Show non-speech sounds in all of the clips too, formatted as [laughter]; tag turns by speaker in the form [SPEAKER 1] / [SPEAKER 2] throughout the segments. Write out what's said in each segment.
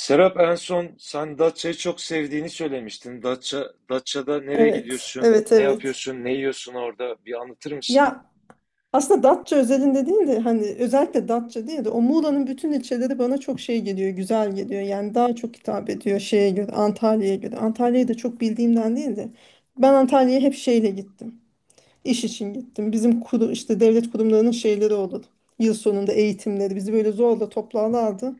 [SPEAKER 1] Serap, en son sen Datça'yı çok sevdiğini söylemiştin. Datça'da nereye
[SPEAKER 2] Evet,
[SPEAKER 1] gidiyorsun,
[SPEAKER 2] evet,
[SPEAKER 1] ne
[SPEAKER 2] evet.
[SPEAKER 1] yapıyorsun, ne yiyorsun orada bir anlatır mısın?
[SPEAKER 2] Ya aslında Datça özelinde değil de hani özellikle Datça değil de o Muğla'nın bütün ilçeleri bana çok şey geliyor, güzel geliyor. Yani daha çok hitap ediyor şeye göre, Antalya'ya göre. Antalya'yı da çok bildiğimden değil de ben Antalya'ya hep şeyle gittim. İş için gittim. Bizim işte devlet kurumlarının şeyleri olur. Yıl sonunda eğitimleri bizi böyle zorla toplarlardı.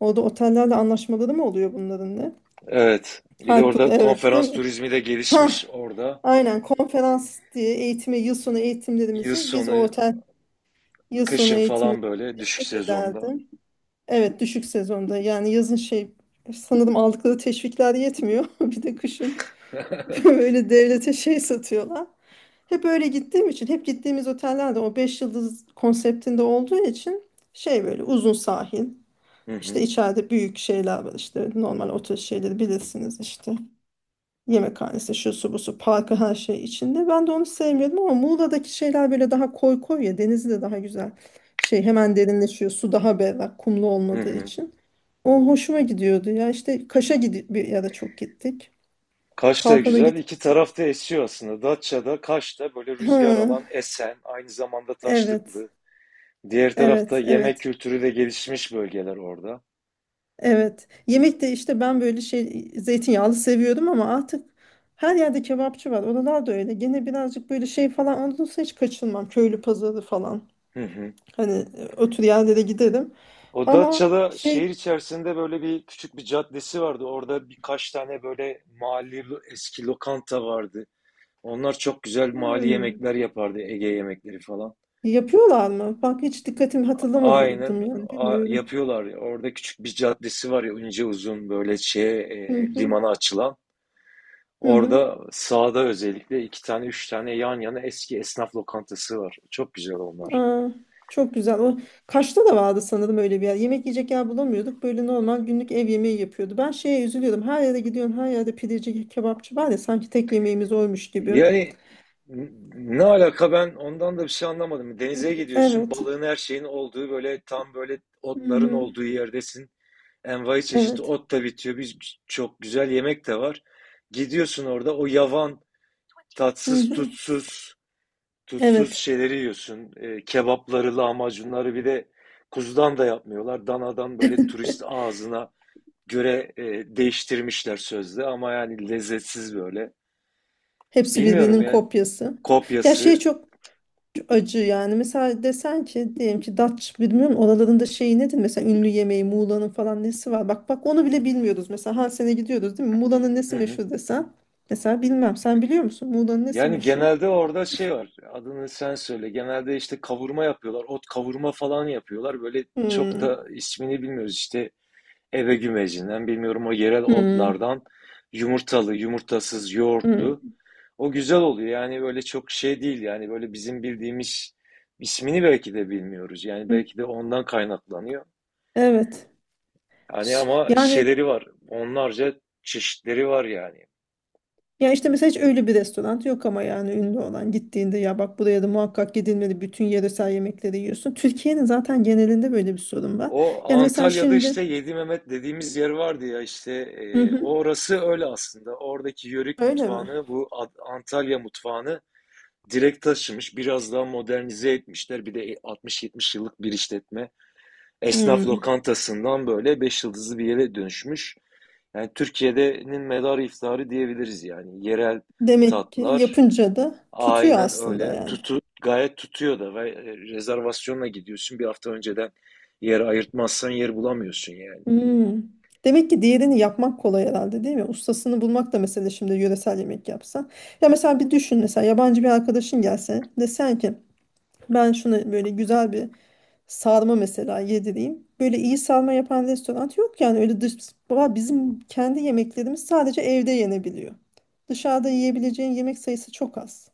[SPEAKER 2] Orada otellerle anlaşmaları mı oluyor bunların ne?
[SPEAKER 1] Evet, bir de
[SPEAKER 2] Her kuru,
[SPEAKER 1] orada
[SPEAKER 2] evet değil
[SPEAKER 1] konferans
[SPEAKER 2] mi?
[SPEAKER 1] turizmi de
[SPEAKER 2] [laughs]
[SPEAKER 1] gelişmiş orada.
[SPEAKER 2] Aynen, konferans diye eğitimi yıl sonu
[SPEAKER 1] Yıl
[SPEAKER 2] eğitimlerimizi biz
[SPEAKER 1] sonu,
[SPEAKER 2] orta yıl sonu
[SPEAKER 1] kışın
[SPEAKER 2] eğitimleri
[SPEAKER 1] falan böyle düşük
[SPEAKER 2] nefret
[SPEAKER 1] sezonda.
[SPEAKER 2] ederdim. Evet, düşük sezonda, yani yazın şey sanırım aldıkları teşvikler yetmiyor. [laughs] Bir de kışın [laughs] böyle devlete şey satıyorlar. Hep öyle gittiğim için, hep gittiğimiz otellerde o 5 yıldız konseptinde olduğu için şey böyle uzun sahil
[SPEAKER 1] Hı
[SPEAKER 2] işte,
[SPEAKER 1] hı,
[SPEAKER 2] içeride büyük şeyler var işte, normal otel şeyleri bilirsiniz işte. Yemekhanesi, şu su bu su, parkı her şey içinde. Ben de onu sevmiyordum ama Muğla'daki şeyler böyle daha koy koy ya. Denizi de daha güzel. Şey hemen derinleşiyor. Su daha berrak, kumlu
[SPEAKER 1] hı
[SPEAKER 2] olmadığı
[SPEAKER 1] hı.
[SPEAKER 2] için. O hoşuma gidiyordu ya. İşte Kaş'a gidip bir yere çok gittik.
[SPEAKER 1] Kaş da
[SPEAKER 2] Kalkan'a
[SPEAKER 1] güzel,
[SPEAKER 2] git.
[SPEAKER 1] iki tarafta esiyor aslında. Datça'da, Kaş'ta böyle
[SPEAKER 2] Ha,
[SPEAKER 1] rüzgar alan esen, aynı zamanda
[SPEAKER 2] evet.
[SPEAKER 1] taşlıklı. Diğer tarafta
[SPEAKER 2] Evet,
[SPEAKER 1] yemek
[SPEAKER 2] evet,
[SPEAKER 1] kültürü de gelişmiş bölgeler orada.
[SPEAKER 2] evet. Yemek de, işte, ben böyle şey zeytinyağlı seviyordum ama artık her yerde kebapçı var. Oralar da öyle. Gene birazcık böyle şey falan olursa hiç kaçınmam. Köylü pazarı falan.
[SPEAKER 1] Hı hı.
[SPEAKER 2] Hani otur yerlere giderim.
[SPEAKER 1] O
[SPEAKER 2] Ama
[SPEAKER 1] Datça'da
[SPEAKER 2] şey
[SPEAKER 1] şehir içerisinde böyle bir küçük bir caddesi vardı. Orada birkaç tane böyle eski lokanta vardı. Onlar çok güzel mahalli
[SPEAKER 2] hmm,
[SPEAKER 1] yemekler yapardı. Ege yemekleri falan.
[SPEAKER 2] yapıyorlar mı? Bak hiç dikkatim hatırlamadım,
[SPEAKER 1] Aynen
[SPEAKER 2] yani bilmiyorum.
[SPEAKER 1] yapıyorlar. Orada küçük bir caddesi var ya, ince uzun, böyle şeye
[SPEAKER 2] Hı hı,
[SPEAKER 1] limana açılan.
[SPEAKER 2] hı hı.
[SPEAKER 1] Orada sağda özellikle iki tane üç tane yan yana eski esnaf lokantası var. Çok güzel onlar.
[SPEAKER 2] Aa, çok güzel. O Kaş'ta da vardı sanırım öyle bir yer. Yemek yiyecek yer bulamıyorduk. Böyle normal günlük ev yemeği yapıyordu. Ben şeye üzülüyordum. Her yere gidiyorum. Her yerde pideci, kebapçı var ya, sanki tek yemeğimiz oymuş gibi.
[SPEAKER 1] Yani ne alaka, ben ondan da bir şey anlamadım. Denize gidiyorsun,
[SPEAKER 2] Evet.
[SPEAKER 1] balığın her şeyin olduğu, böyle tam böyle
[SPEAKER 2] Hı
[SPEAKER 1] otların
[SPEAKER 2] hı.
[SPEAKER 1] olduğu yerdesin. Envai çeşit
[SPEAKER 2] Evet.
[SPEAKER 1] ot da bitiyor. Bir çok güzel yemek de var. Gidiyorsun orada o yavan,
[SPEAKER 2] Hı
[SPEAKER 1] tatsız,
[SPEAKER 2] hı.
[SPEAKER 1] tutsuz
[SPEAKER 2] Evet.
[SPEAKER 1] şeyleri yiyorsun. Kebapları, lahmacunları bir de kuzudan da yapmıyorlar. Danadan böyle turist ağzına göre değiştirmişler sözde ama yani lezzetsiz böyle.
[SPEAKER 2] Hepsi
[SPEAKER 1] Bilmiyorum
[SPEAKER 2] birbirinin
[SPEAKER 1] yani,
[SPEAKER 2] kopyası. Ya şey,
[SPEAKER 1] kopyası.
[SPEAKER 2] çok acı yani. Mesela desen ki, diyelim ki Datça, bilmiyorum oralarında şeyi nedir? Mesela ünlü yemeği Muğla'nın falan nesi var? Bak bak, onu bile bilmiyoruz. Mesela her sene gidiyoruz değil mi? Muğla'nın
[SPEAKER 1] Hı
[SPEAKER 2] nesi
[SPEAKER 1] hı.
[SPEAKER 2] meşhur desen. Mesela bilmem. Sen biliyor musun? Muğla'nın nesi
[SPEAKER 1] Yani
[SPEAKER 2] meşhur?
[SPEAKER 1] genelde orada şey var. Adını sen söyle. Genelde işte kavurma yapıyorlar. Ot kavurma falan yapıyorlar. Böyle çok
[SPEAKER 2] Hmm.
[SPEAKER 1] da ismini bilmiyoruz. İşte eve gümecinden bilmiyorum, o yerel
[SPEAKER 2] Hmm.
[SPEAKER 1] otlardan yumurtalı, yumurtasız, yoğurtlu.
[SPEAKER 2] Hmm.
[SPEAKER 1] O güzel oluyor. Yani böyle çok şey değil. Yani böyle bizim bildiğimiz ismini belki de bilmiyoruz. Yani
[SPEAKER 2] Hmm.
[SPEAKER 1] belki de ondan kaynaklanıyor.
[SPEAKER 2] Evet.
[SPEAKER 1] Hani ama
[SPEAKER 2] Yani
[SPEAKER 1] şeyleri var. Onlarca çeşitleri var yani.
[SPEAKER 2] ya işte, mesela hiç öyle bir restoran yok ama, yani ünlü olan, gittiğinde ya bak buraya da muhakkak gidilmeli, bütün yöresel yemekleri yiyorsun. Türkiye'nin zaten genelinde böyle bir sorun var.
[SPEAKER 1] O
[SPEAKER 2] Yani mesela
[SPEAKER 1] Antalya'da
[SPEAKER 2] şimdi.
[SPEAKER 1] işte Yedi Mehmet dediğimiz yer vardı ya, işte
[SPEAKER 2] Hı hı.
[SPEAKER 1] orası öyle aslında. Oradaki yörük
[SPEAKER 2] Öyle mi?
[SPEAKER 1] mutfağını, bu Antalya mutfağını direkt taşımış. Biraz daha modernize etmişler. Bir de 60-70 yıllık bir işletme. Esnaf
[SPEAKER 2] Hmm.
[SPEAKER 1] lokantasından böyle 5 yıldızlı bir yere dönüşmüş. Yani Türkiye'de'nin medarı iftarı diyebiliriz yani. Yerel
[SPEAKER 2] Demek ki
[SPEAKER 1] tatlar.
[SPEAKER 2] yapınca da tutuyor
[SPEAKER 1] Aynen
[SPEAKER 2] aslında
[SPEAKER 1] öyle.
[SPEAKER 2] yani.
[SPEAKER 1] Gayet tutuyor da ve rezervasyonla gidiyorsun. Bir hafta önceden yer ayırtmazsan yer bulamıyorsun yani.
[SPEAKER 2] Hmm. Demek ki diğerini yapmak kolay herhalde değil mi? Ustasını bulmak da, mesela şimdi yöresel yemek yapsan. Ya mesela bir düşün, mesela yabancı bir arkadaşın gelse, desen ki ben şunu böyle güzel bir sarma mesela yedireyim. Böyle iyi sarma yapan restoran yok, yani öyle Baba bizim kendi yemeklerimiz sadece evde yenebiliyor. Dışarıda yiyebileceğin yemek sayısı çok az.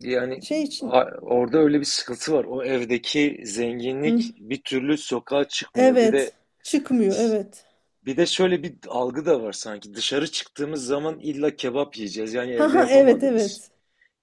[SPEAKER 1] Yani
[SPEAKER 2] Şey için.
[SPEAKER 1] orada öyle bir sıkıntı var. O evdeki zenginlik
[SPEAKER 2] Hı,
[SPEAKER 1] bir türlü sokağa çıkmıyor. Bir de
[SPEAKER 2] evet, çıkmıyor, evet.
[SPEAKER 1] bir de şöyle bir algı da var sanki. Dışarı çıktığımız zaman illa kebap yiyeceğiz. Yani
[SPEAKER 2] Ha
[SPEAKER 1] evde
[SPEAKER 2] ha, evet
[SPEAKER 1] yapamadığımız.
[SPEAKER 2] evet.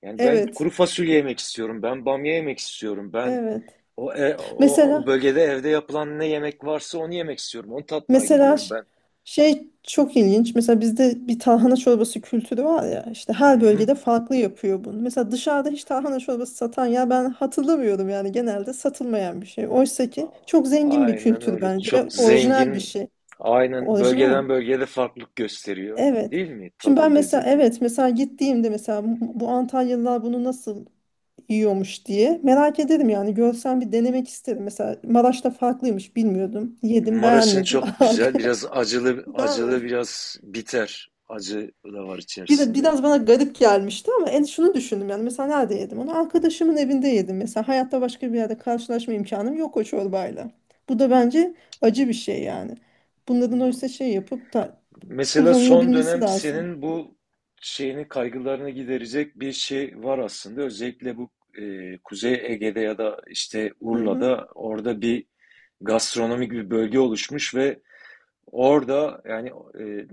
[SPEAKER 1] Yani ben
[SPEAKER 2] Evet,
[SPEAKER 1] kuru fasulye yemek istiyorum. Ben bamya yemek istiyorum. Ben
[SPEAKER 2] evet.
[SPEAKER 1] o
[SPEAKER 2] Mesela
[SPEAKER 1] bölgede evde yapılan ne yemek varsa onu yemek istiyorum. Onu tatmaya
[SPEAKER 2] mesela
[SPEAKER 1] gidiyorum ben.
[SPEAKER 2] şey çok ilginç. Mesela bizde bir tarhana çorbası kültürü var ya. İşte
[SPEAKER 1] Hı
[SPEAKER 2] her
[SPEAKER 1] hı.
[SPEAKER 2] bölgede farklı yapıyor bunu. Mesela dışarıda hiç tarhana çorbası satan, ya ben hatırlamıyorum yani, genelde satılmayan bir şey. Oysa ki çok zengin bir
[SPEAKER 1] Aynen
[SPEAKER 2] kültür
[SPEAKER 1] öyle.
[SPEAKER 2] bence
[SPEAKER 1] Çok
[SPEAKER 2] ve orijinal bir
[SPEAKER 1] zengin.
[SPEAKER 2] şey.
[SPEAKER 1] Aynen,
[SPEAKER 2] Orijinal.
[SPEAKER 1] bölgeden bölgeye de farklılık gösteriyor.
[SPEAKER 2] Evet.
[SPEAKER 1] Değil mi?
[SPEAKER 2] Şimdi ben
[SPEAKER 1] Tadı,
[SPEAKER 2] mesela,
[SPEAKER 1] lezzeti.
[SPEAKER 2] evet mesela gittiğimde, mesela bu Antalyalılar bunu nasıl yiyormuş diye. Merak ederim yani, görsem bir denemek isterim. Mesela Maraş'ta farklıymış, bilmiyordum. Yedim,
[SPEAKER 1] Maraş'ın
[SPEAKER 2] beğenmedim.
[SPEAKER 1] çok güzel. Biraz acılı,
[SPEAKER 2] [laughs] Güzel mi?
[SPEAKER 1] acılı biraz biter. Acı da var
[SPEAKER 2] Bir de
[SPEAKER 1] içerisinde.
[SPEAKER 2] biraz bana garip gelmişti ama en şunu düşündüm, yani mesela nerede yedim onu? Arkadaşımın evinde yedim mesela. Hayatta başka bir yerde karşılaşma imkanım yok o çorbayla. Bu da bence acı bir şey yani. Bunların oysa şey yapıp da
[SPEAKER 1] Mesela son
[SPEAKER 2] kullanılabilmesi
[SPEAKER 1] dönem
[SPEAKER 2] lazım.
[SPEAKER 1] senin bu şeyini, kaygılarını giderecek bir şey var aslında. Özellikle bu Kuzey Ege'de ya da işte
[SPEAKER 2] Hı hı.
[SPEAKER 1] Urla'da, orada bir gastronomik bir bölge oluşmuş ve orada yani e,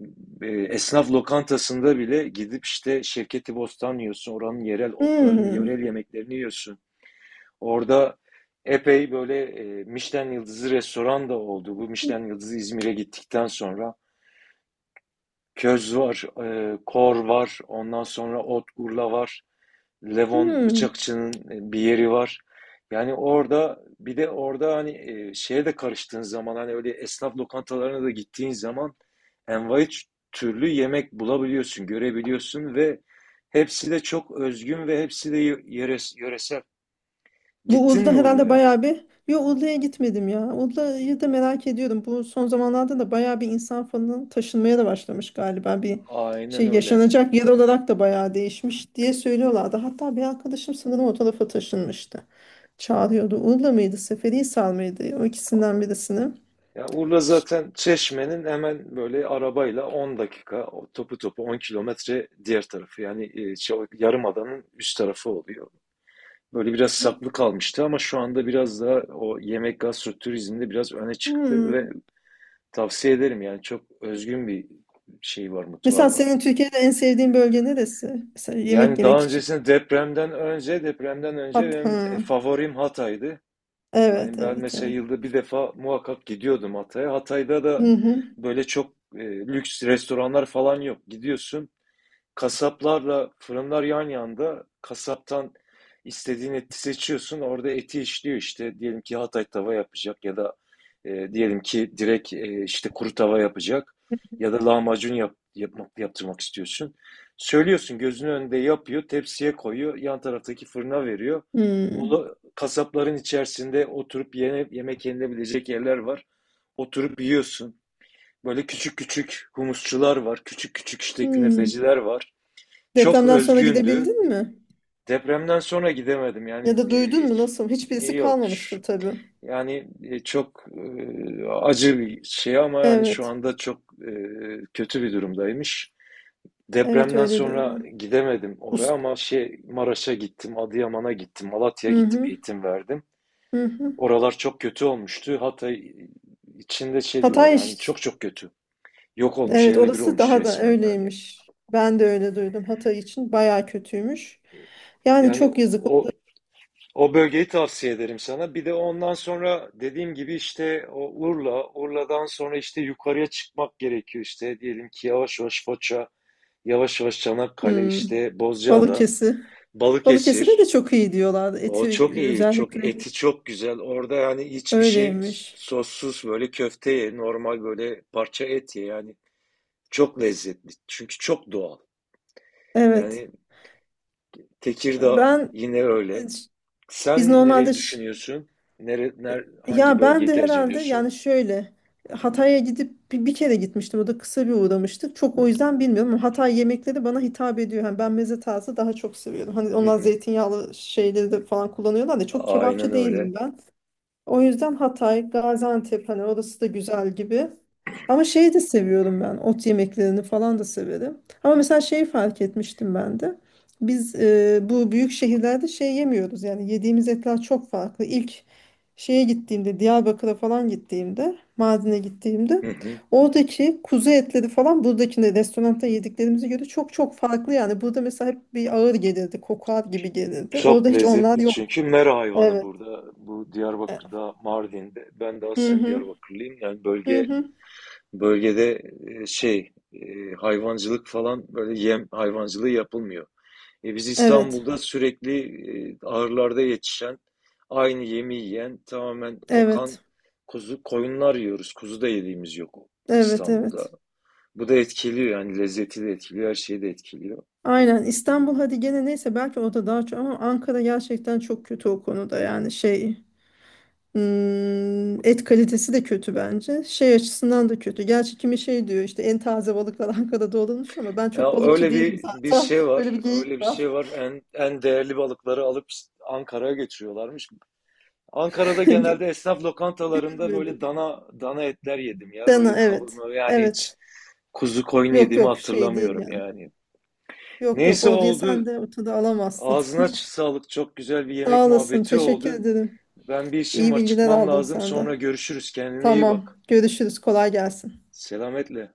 [SPEAKER 1] esnaf lokantasında bile gidip işte Şevketi Bostan yiyorsun. Oranın yerel otlarını, yerel
[SPEAKER 2] Hmm.
[SPEAKER 1] yemeklerini yiyorsun. Orada epey böyle Michelin yıldızı restoran da oldu. Bu Michelin yıldızı İzmir'e gittikten sonra köz var, kor var, ondan sonra ot urla var. Levon
[SPEAKER 2] Hmm.
[SPEAKER 1] Bıçakçı'nın bir yeri var. Yani orada, bir de orada hani şeye de karıştığın zaman, hani öyle esnaf lokantalarına da gittiğin zaman envai türlü yemek bulabiliyorsun, görebiliyorsun ve hepsi de çok özgün ve hepsi de yöresel.
[SPEAKER 2] Bu
[SPEAKER 1] Gittin
[SPEAKER 2] Uludağ
[SPEAKER 1] mi
[SPEAKER 2] herhalde
[SPEAKER 1] Urla'ya?
[SPEAKER 2] bayağı bir... Yo, Uludağ'a gitmedim ya. Uludağ'ı da merak ediyorum. Bu son zamanlarda da bayağı bir insan falan taşınmaya da başlamış galiba. Bir
[SPEAKER 1] Aynen
[SPEAKER 2] şey
[SPEAKER 1] öyle.
[SPEAKER 2] yaşanacak yer olarak da bayağı değişmiş diye söylüyorlardı. Hatta bir arkadaşım sanırım o tarafa taşınmıştı. Çağırıyordu. Uludağ mıydı, Seferihisar mıydı? O ikisinden birisini.
[SPEAKER 1] Ya Urla
[SPEAKER 2] Ş-
[SPEAKER 1] zaten Çeşme'nin hemen böyle, arabayla 10 dakika, o topu topu 10 kilometre diğer tarafı. Yani şey, yarımadanın üst tarafı oluyor. Böyle biraz saklı kalmıştı ama şu anda biraz daha o yemek gastroturizmde biraz öne çıktı ve
[SPEAKER 2] Hmm.
[SPEAKER 1] tavsiye ederim yani, çok özgün bir şey var,
[SPEAKER 2] Mesela
[SPEAKER 1] mutfağı var.
[SPEAKER 2] senin Türkiye'de en sevdiğin bölge neresi? Mesela yemek
[SPEAKER 1] Yani
[SPEAKER 2] yemek
[SPEAKER 1] daha
[SPEAKER 2] için.
[SPEAKER 1] öncesinde, depremden önce, depremden önce
[SPEAKER 2] Hat, ha.
[SPEAKER 1] benim favorim Hatay'dı.
[SPEAKER 2] Evet,
[SPEAKER 1] Yani ben
[SPEAKER 2] evet,
[SPEAKER 1] mesela
[SPEAKER 2] evet.
[SPEAKER 1] yılda bir defa muhakkak gidiyordum Hatay'a. Hatay'da da
[SPEAKER 2] Hı hı.
[SPEAKER 1] böyle çok lüks restoranlar falan yok. Gidiyorsun. Kasaplarla fırınlar yan yanda. Kasaptan istediğin eti seçiyorsun. Orada eti işliyor işte. Diyelim ki Hatay tava yapacak ya da diyelim ki direkt işte kuru tava yapacak ya da lahmacun yaptırmak istiyorsun. Söylüyorsun, gözünün önünde yapıyor, tepsiye koyuyor, yan taraftaki fırına veriyor.
[SPEAKER 2] Hmm.
[SPEAKER 1] Ola, kasapların içerisinde oturup yemek yenilebilecek yerler var. Oturup yiyorsun. Böyle küçük küçük humusçular var, küçük küçük işte
[SPEAKER 2] Hmm.
[SPEAKER 1] künefeciler var. Çok
[SPEAKER 2] Depremden sonra
[SPEAKER 1] özgündü.
[SPEAKER 2] gidebildin mi?
[SPEAKER 1] Depremden sonra gidemedim.
[SPEAKER 2] Ya
[SPEAKER 1] Yani
[SPEAKER 2] da duydun mu nasıl? Hiçbirisi
[SPEAKER 1] yok.
[SPEAKER 2] kalmamıştı tabii.
[SPEAKER 1] Yani çok acı bir şey ama yani şu
[SPEAKER 2] Evet.
[SPEAKER 1] anda çok e, kötü bir durumdaymış.
[SPEAKER 2] Evet,
[SPEAKER 1] Depremden
[SPEAKER 2] öyle
[SPEAKER 1] sonra
[SPEAKER 2] diyorlar.
[SPEAKER 1] gidemedim oraya
[SPEAKER 2] Ust.
[SPEAKER 1] ama şey Maraş'a gittim, Adıyaman'a gittim, Malatya'ya
[SPEAKER 2] Hı
[SPEAKER 1] gittim,
[SPEAKER 2] hı.
[SPEAKER 1] eğitim verdim.
[SPEAKER 2] Hı hı.
[SPEAKER 1] Oralar çok kötü olmuştu. Hatay içinde şey diyorlar
[SPEAKER 2] Hatay
[SPEAKER 1] yani,
[SPEAKER 2] iş-
[SPEAKER 1] çok çok kötü. Yok olmuş,
[SPEAKER 2] Evet,
[SPEAKER 1] yerle bir
[SPEAKER 2] orası
[SPEAKER 1] olmuş
[SPEAKER 2] daha da
[SPEAKER 1] resmen yani.
[SPEAKER 2] öyleymiş. Ben de öyle duydum. Hatay için bayağı kötüymüş.
[SPEAKER 1] E,
[SPEAKER 2] Yani
[SPEAKER 1] Yani
[SPEAKER 2] çok yazık.
[SPEAKER 1] o bölgeyi tavsiye ederim sana. Bir de ondan sonra dediğim gibi işte o Urla, Urla'dan sonra işte yukarıya çıkmak gerekiyor işte. Diyelim ki yavaş yavaş Foça, yavaş yavaş Çanakkale,
[SPEAKER 2] Hmm.
[SPEAKER 1] işte Bozcaada,
[SPEAKER 2] Balıkesir. Balıkesir'de de
[SPEAKER 1] Balıkesir.
[SPEAKER 2] çok iyi diyorlardı.
[SPEAKER 1] O çok
[SPEAKER 2] Eti
[SPEAKER 1] iyi, çok,
[SPEAKER 2] özellikle
[SPEAKER 1] eti çok güzel. Orada yani hiçbir şey
[SPEAKER 2] öyleymiş.
[SPEAKER 1] sossuz, böyle köfte ye, normal böyle parça et ye yani. Çok lezzetli. Çünkü çok doğal.
[SPEAKER 2] Evet.
[SPEAKER 1] Yani Tekirdağ
[SPEAKER 2] Ben
[SPEAKER 1] yine öyle.
[SPEAKER 2] biz
[SPEAKER 1] Sen
[SPEAKER 2] normalde
[SPEAKER 1] nereyi düşünüyorsun?
[SPEAKER 2] E,
[SPEAKER 1] Hangi
[SPEAKER 2] ya ben
[SPEAKER 1] bölgeyi
[SPEAKER 2] de
[SPEAKER 1] tercih
[SPEAKER 2] herhalde
[SPEAKER 1] ediyorsun?
[SPEAKER 2] yani şöyle Hatay'a gidip bir kere gitmiştim. O da kısa bir uğramıştık. Çok o yüzden bilmiyorum ama Hatay yemekleri bana hitap ediyor. Hani ben meze tarzı daha çok seviyorum. Hani
[SPEAKER 1] Hı
[SPEAKER 2] onlar
[SPEAKER 1] hı.
[SPEAKER 2] zeytinyağlı şeyleri de falan kullanıyorlar da, çok
[SPEAKER 1] Aynen
[SPEAKER 2] kebapçı
[SPEAKER 1] öyle.
[SPEAKER 2] değilim ben. O yüzden Hatay, Gaziantep, hani orası da güzel gibi. Ama şeyi de seviyorum ben. Ot yemeklerini falan da severim. Ama mesela şeyi fark etmiştim ben de. Biz bu büyük şehirlerde şey yemiyoruz. Yani yediğimiz etler çok farklı. İlk şeye gittiğimde, Diyarbakır'a falan gittiğimde, Mardin'e gittiğimde
[SPEAKER 1] Hı hı.
[SPEAKER 2] oradaki kuzu etleri falan buradakinde restoranda yediklerimize göre çok çok farklı. Yani burada mesela hep bir ağır gelirdi, kokar gibi gelirdi. Orada
[SPEAKER 1] Çok
[SPEAKER 2] hiç onlar
[SPEAKER 1] lezzetli,
[SPEAKER 2] yok.
[SPEAKER 1] çünkü mera hayvanı
[SPEAKER 2] Evet.
[SPEAKER 1] burada. Bu Diyarbakır'da, Mardin'de. Ben de
[SPEAKER 2] Hı
[SPEAKER 1] aslen
[SPEAKER 2] hı.
[SPEAKER 1] Diyarbakırlıyım. Yani
[SPEAKER 2] Hı hı.
[SPEAKER 1] bölgede e, şey e, hayvancılık falan, böyle yem hayvancılığı yapılmıyor. Biz
[SPEAKER 2] Evet,
[SPEAKER 1] İstanbul'da sürekli ahırlarda yetişen, aynı yemi yiyen, tamamen kokan
[SPEAKER 2] evet,
[SPEAKER 1] kuzu koyunlar yiyoruz. Kuzu da yediğimiz yok
[SPEAKER 2] evet,
[SPEAKER 1] İstanbul'da.
[SPEAKER 2] evet.
[SPEAKER 1] Bu da etkiliyor yani, lezzeti de etkiliyor, her şeyi de etkiliyor.
[SPEAKER 2] Aynen, İstanbul hadi gene neyse, belki orada daha çok ama Ankara gerçekten çok kötü o konuda, yani şey et kalitesi de kötü bence. Şey açısından da kötü. Gerçi kimi şey diyor işte, en taze balıklar [laughs] Ankara'da olunmuş, ama ben çok
[SPEAKER 1] Ya
[SPEAKER 2] balıkçı
[SPEAKER 1] öyle
[SPEAKER 2] değilim
[SPEAKER 1] bir
[SPEAKER 2] zaten.
[SPEAKER 1] şey
[SPEAKER 2] [laughs] Böyle
[SPEAKER 1] var.
[SPEAKER 2] bir
[SPEAKER 1] Öyle bir
[SPEAKER 2] geyik var.
[SPEAKER 1] şey var. En değerli balıkları alıp Ankara'ya götürüyorlarmış. Ankara'da genelde
[SPEAKER 2] [laughs]
[SPEAKER 1] esnaf lokantalarında
[SPEAKER 2] Gelmedi.
[SPEAKER 1] böyle dana etler yedim ya. Öyle
[SPEAKER 2] Dana, evet.
[SPEAKER 1] kavurma, yani hiç
[SPEAKER 2] Evet.
[SPEAKER 1] kuzu koyun
[SPEAKER 2] Yok
[SPEAKER 1] yediğimi
[SPEAKER 2] yok, şey değil
[SPEAKER 1] hatırlamıyorum
[SPEAKER 2] yani.
[SPEAKER 1] yani.
[SPEAKER 2] Yok yok,
[SPEAKER 1] Neyse,
[SPEAKER 2] o diye sen
[SPEAKER 1] oldu.
[SPEAKER 2] de ortada alamazsın.
[SPEAKER 1] Ağzına sağlık. Çok güzel bir
[SPEAKER 2] [laughs]
[SPEAKER 1] yemek
[SPEAKER 2] Sağ olasın.
[SPEAKER 1] muhabbeti
[SPEAKER 2] Teşekkür
[SPEAKER 1] oldu.
[SPEAKER 2] ederim.
[SPEAKER 1] Ben bir işim
[SPEAKER 2] İyi
[SPEAKER 1] var,
[SPEAKER 2] bilgiler
[SPEAKER 1] çıkmam
[SPEAKER 2] aldım
[SPEAKER 1] lazım. Sonra
[SPEAKER 2] senden.
[SPEAKER 1] görüşürüz. Kendine iyi
[SPEAKER 2] Tamam.
[SPEAKER 1] bak.
[SPEAKER 2] Görüşürüz. Kolay gelsin.
[SPEAKER 1] Selametle.